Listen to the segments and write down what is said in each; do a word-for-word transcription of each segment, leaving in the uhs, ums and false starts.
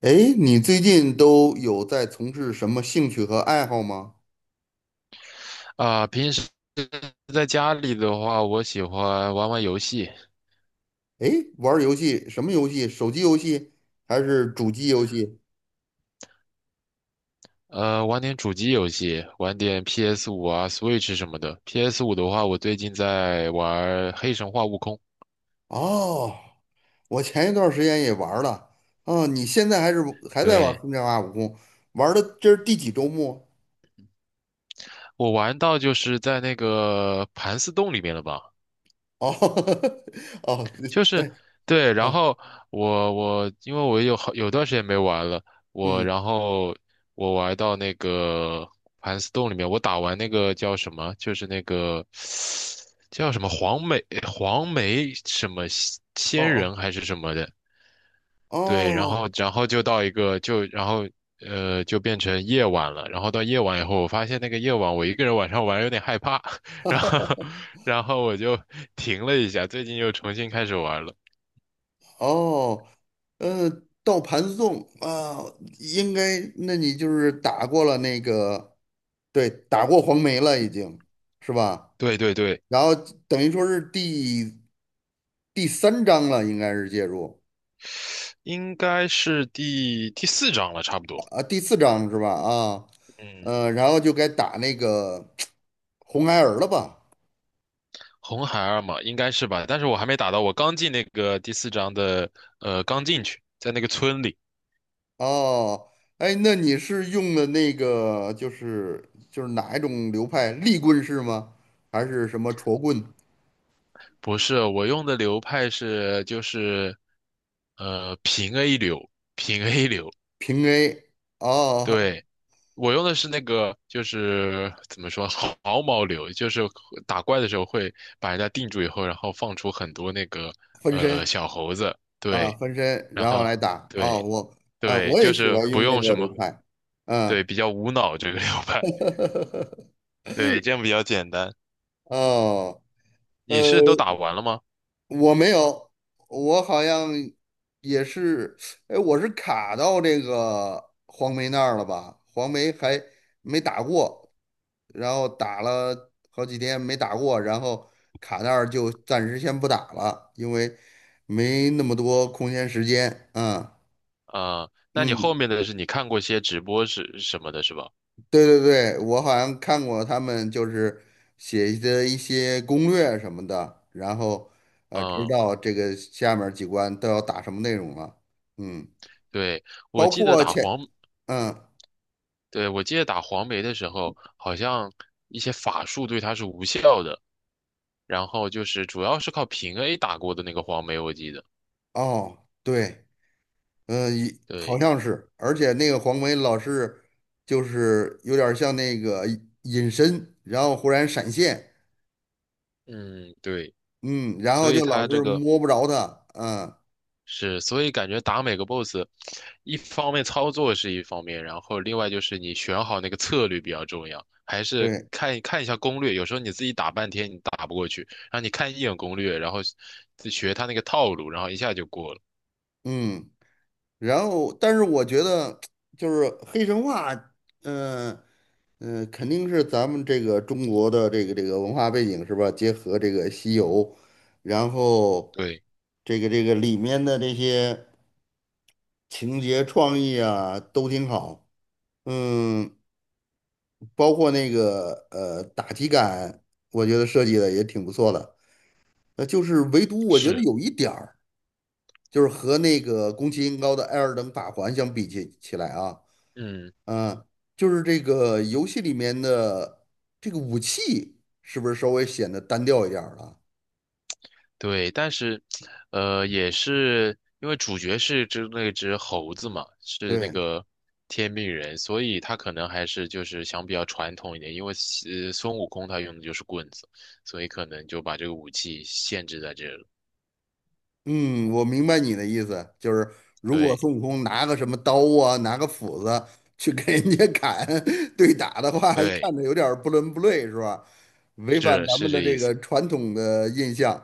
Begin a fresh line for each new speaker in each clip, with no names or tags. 诶，你最近都有在从事什么兴趣和爱好吗？
啊，平时在家里的话，我喜欢玩玩游戏，
诶，玩儿游戏，什么游戏？手机游戏还是主机游戏？
呃，玩点主机游戏，玩点 p s 五啊、Switch 什么的。p s 五的话，我最近在玩《黑神话：悟空》，
哦，我前一段时间也玩儿了。哦，你现在还是还在玩
对，
《空降二五空》？玩儿的这是第几周末？
我玩到就是在那个盘丝洞里面了吧。
哦，哦，
就是
对，
对，然
哦，
后我我因为我有好有段时间没玩了，我
嗯，
然后我玩到那个盘丝洞里面，我打完那个叫什么，就是那个叫什么黄梅黄梅什么仙
哦
仙
哦
人还是什么的，对，然后
哦。
然后就到一个就然后呃就变成夜晚了，然后到夜晚以后，我发现那个夜晚我一个人晚上玩有点害怕，然后然后我就停了一下，最近又重新开始玩了。
哦，呃，到盘送啊，应该，那你就是打过了那个，对，打过黄梅了，已经是吧？
对对对，
然后等于说是第第三章了，应该是介入
应该是第第四章了，差不多。
啊，第四章是吧？啊，
嗯，
呃，然后就该打那个红孩儿了吧？
红孩儿嘛，应该是吧？但是我还没打到，我刚进那个第四章的，呃，刚进去，在那个村里。
哦，哎，那你是用的那个就是就是哪一种流派？立棍式吗？还是什么戳棍？
不是，我用的流派是就是，呃，平 A 流，平 A 流。
平 A 哦，
对，我用的是那个，就是怎么说，毫毛流，就是打怪的时候会把人家定住以后，然后放出很多那个
分
呃
身
小猴子。
啊，
对，
分身，
然
然后
后。
来打哦，
对，
我啊，
对，
我也
就
喜
是
欢
不
用那
用
个
什
流
么，
派，
对，
嗯，
比较无脑这个流派，对，这样比较简单。
哦，
你
呃，
是都打完了吗？
我没有，我好像也是，哎，我是卡到这个黄梅那儿了吧？黄梅还没打过，然后打了好几天没打过，然后卡那儿就暂时先不打了，因为没那么多空闲时间，嗯。
啊、那你后
嗯，
面的是你看过些直播是什么的，是吧？
对对对，我好像看过他们就是写的一些攻略什么的，然后呃，知
嗯，
道这个下面儿几关都要打什么内容了。嗯，
对，我
包
记得
括
打
前，
黄，
嗯，
对，我记得打黄梅的时候，好像一些法术对他是无效的，然后就是主要是靠平 A 打过的那个黄梅，我记得。
哦，对，嗯、一好
对，
像是，而且那个黄梅老是就是有点儿像那个隐身，然后忽然闪现，
嗯，对，
嗯，然后
所以
就老
他这
是
个。
摸不着他，嗯，
是，所以感觉打每个 B O S S,一方面操作是一方面，然后另外就是你选好那个策略比较重要，还是
对，
看看一下攻略。有时候你自己打半天你打不过去，然后你看一眼攻略，然后自学他那个套路，然后一下就过了。
嗯。然后，但是我觉得就是黑神话，嗯、呃嗯、呃肯定是咱们这个中国的这个这个文化背景是吧？结合这个西游，然后
对，
这个这个里面的这些情节创意啊都挺好，嗯，包括那个呃打击感，我觉得设计的也挺不错的。那就是唯独我觉得
是，
有一点儿，就是和那个宫崎英高的《艾尔登法环》相比起起来啊。
嗯。
嗯，就是这个游戏里面的这个武器，是不是稍微显得单调一点儿了？
对，但是，呃，也是因为主角是只那只猴子嘛，是那
对，
个天命人，所以他可能还是就是想比较传统一点，因为呃孙悟空他用的就是棍子，所以可能就把这个武器限制在这了。
嗯，我明白你的意思，就是如果
对，
孙悟空拿个什么刀啊，拿个斧子去跟人家砍 对打的话，
对，
看着有点儿不伦不类，是吧？违反
是
咱们
是
的
这意
这个
思。
传统的印象。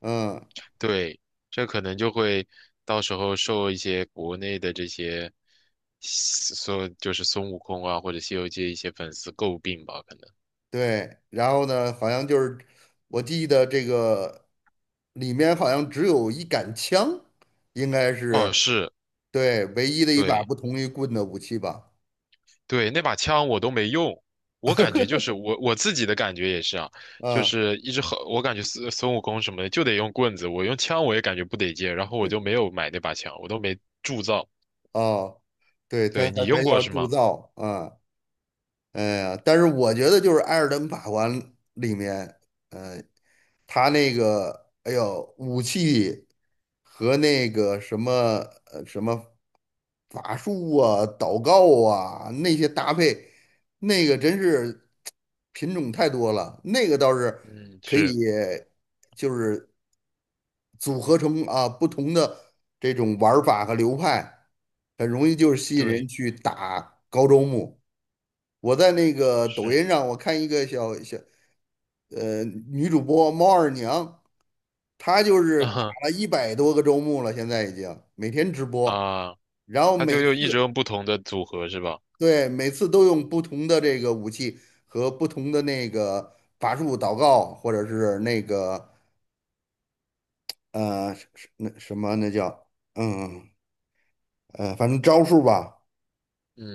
嗯，
对，这可能就会到时候受一些国内的这些所就是孙悟空啊或者《西游记》一些粉丝诟病吧，可能。
对。然后呢，好像就是我记得这个里面好像只有一杆枪，应该
哦，
是。
是，
对，唯一的一把
对。
不同于棍的武器吧。
对，那把枪我都没用，我感觉就是我我自己的感觉也是啊，就
嗯，
是一直很，我感觉孙孙悟空什么的就得用棍子，我用枪我也感觉不得劲，然后我就没有买那把枪，我都没铸造。
哦，对，他
对，你
还还
用过
要
是
铸
吗？
造，嗯，哎呀，但是我觉得就是《艾尔登法环》里面，呃，他那个，哎呦，武器和那个什么呃什么法术啊、祷告啊那些搭配，那个真是品种太多了，那个倒是
嗯，
可
是，
以，就是组合成啊不同的这种玩儿法和流派，很容易就是吸引人
对，
去打高周目。我在那个抖
是，
音上，我看一个小小呃女主播猫二娘，她就 是打
啊
了一百多个周目了，现在已经每天直播，
啊，
然后
他
每
就又一直
次
用不同的组合是吧？
对每次都用不同的这个武器和不同的那个法术祷告，或者是那个呃是是那什么那叫嗯呃反正招数吧。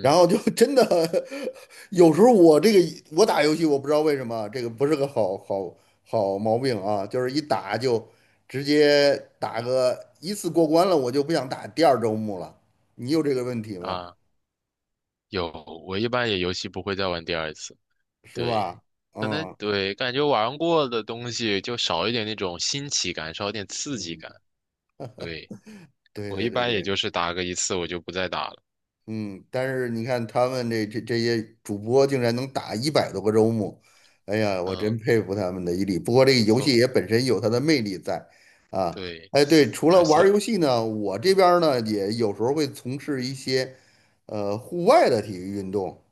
然后就真的 有时候我这个我打游戏，我不知道为什么啊这个不是个好好好毛病啊，就是一打就直接打个一次过关了，我就不想打第二周目了。你有这个问题吗？
啊，有，我一般也游戏不会再玩第二次，
是
对。
吧？
可能
嗯
对，感觉玩过的东西就少一点那种新奇感，少一点刺激
嗯，
感。对，
对
我一
对对
般也
对。
就是打个一次，我就不再打了。
嗯，但是你看他们这这这些主播竟然能打一百多个周末，哎呀，我真
嗯，
佩服他们的毅力。不过这个游戏
所
也本身有它的魅力在啊。
对，
哎，对，除了
而
玩儿
所
游戏呢，我这边儿呢也有时候会从事一些呃户外的体育运动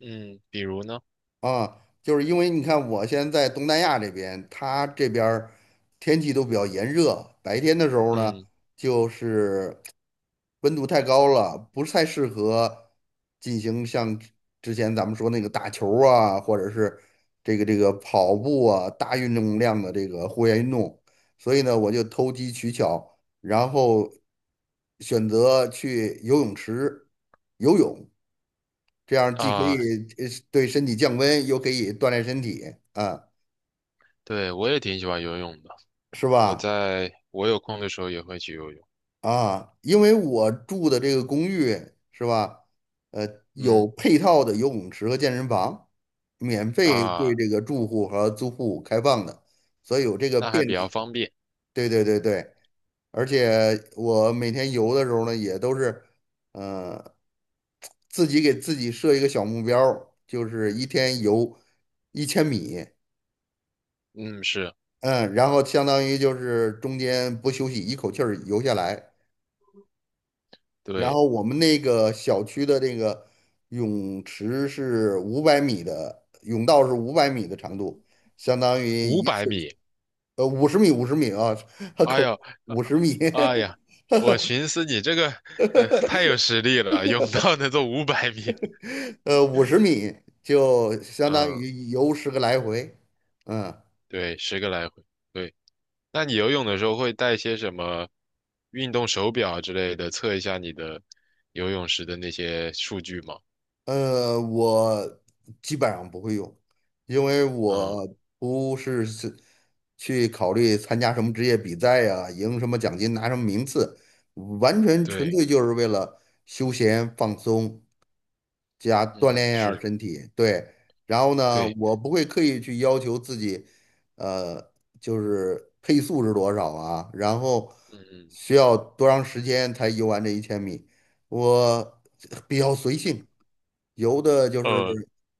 嗯，比如呢，
啊，就是因为你看我现在在东南亚这边，它这边儿天气都比较炎热，白天的时候呢
嗯
就是。温度太高了，不是太适合进行像之前咱们说那个打球儿啊，或者是这个这个跑步啊，大运动量的这个户外运动。所以呢，我就投机取巧，然后选择去游泳池游泳，这样既可
啊，
以呃对身体降温，又可以锻炼身体，啊，
对我也挺喜欢游泳的。
是
我
吧？
在我有空的时候也会去游泳。
啊，因为我住的这个公寓是吧，呃，有
嗯
配套的游泳池和健身房，免费对
啊，
这个住户和租户开放的，所以有这个
那还
便
比较
利。
方便。
对对对对，而且我每天游的时候呢，也都是，呃，自己给自己设一个小目标儿就是一天游一千米，
嗯，是，
嗯，然后相当于就是中间不休息，一口气儿游下来。然
对，
后我们那个小区的这个泳池是五百米的，泳道是五百米的长度，相当于
五
一
百
次
米。
呃五十米五十米啊，
哎
口
呦，
五十米，
哎呀，我寻思你这个呃太有实力了，泳道能做五百米。
呃五十米就相当
嗯，
于游十个来回，嗯，
对，十个来回。对。那你游泳的时候会带些什么运动手表啊之类的，测一下你的游泳时的那些数据吗？
呃，我基本上不会用，因为
嗯，
我不是是去考虑参加什么职业比赛呀、赢什么奖金、拿什么名次，完全纯
对，
粹就是为了休闲放松，加锻
嗯，
炼一下儿
是，
身体，对。然后呢，
对，
我不会刻意去要求自己，呃，就是配速是多少啊，然后
嗯
需要多长时间才游完这一千米，我比较随性，游的就是
嗯，呃，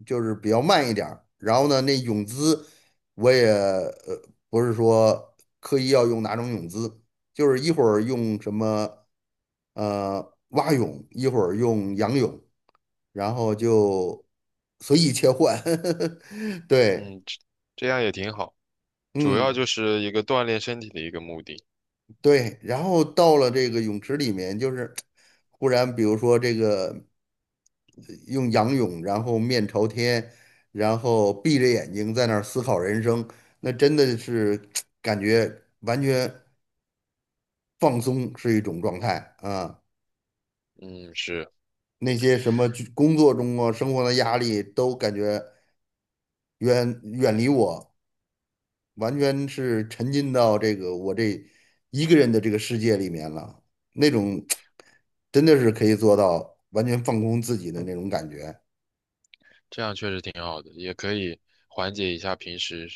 就是比较慢一点儿然后呢，那泳姿我也呃不是说刻意要用哪种泳姿，就是一会儿用什么呃蛙泳，一会儿用仰泳。然后就随意切换，对，
嗯，这这样也挺好，主要
嗯，
就是一个锻炼身体的一个目的。
对，然后到了这个泳池里面，就是忽然比如说这个呃用仰泳，然后面朝天，然后闭着眼睛在那儿思考人生，那真的是 感觉完全放松是一种状态啊。
嗯，是，
那些什么工作中啊、生活的压力都感觉远远离我，完全是沉浸到这个我这一个人的这个世界里面了，那种 真的是可以做到完全放空自己的那种感觉。
这样确实挺好的，也可以缓解一下平时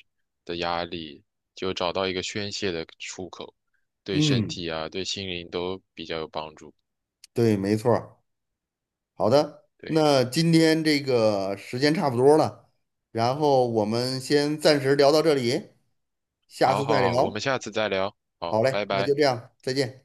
的压力，就找到一个宣泄的出口，对身
嗯，
体啊，对心灵都比较有帮助。
对，没错儿。好的，
对。
那今天这个时间差不多了，然后我们先暂时聊到这里，下
好
次
好
再
好，我们
聊。
下次再聊。好，
好嘞，
拜
那
拜。
就这样，再见。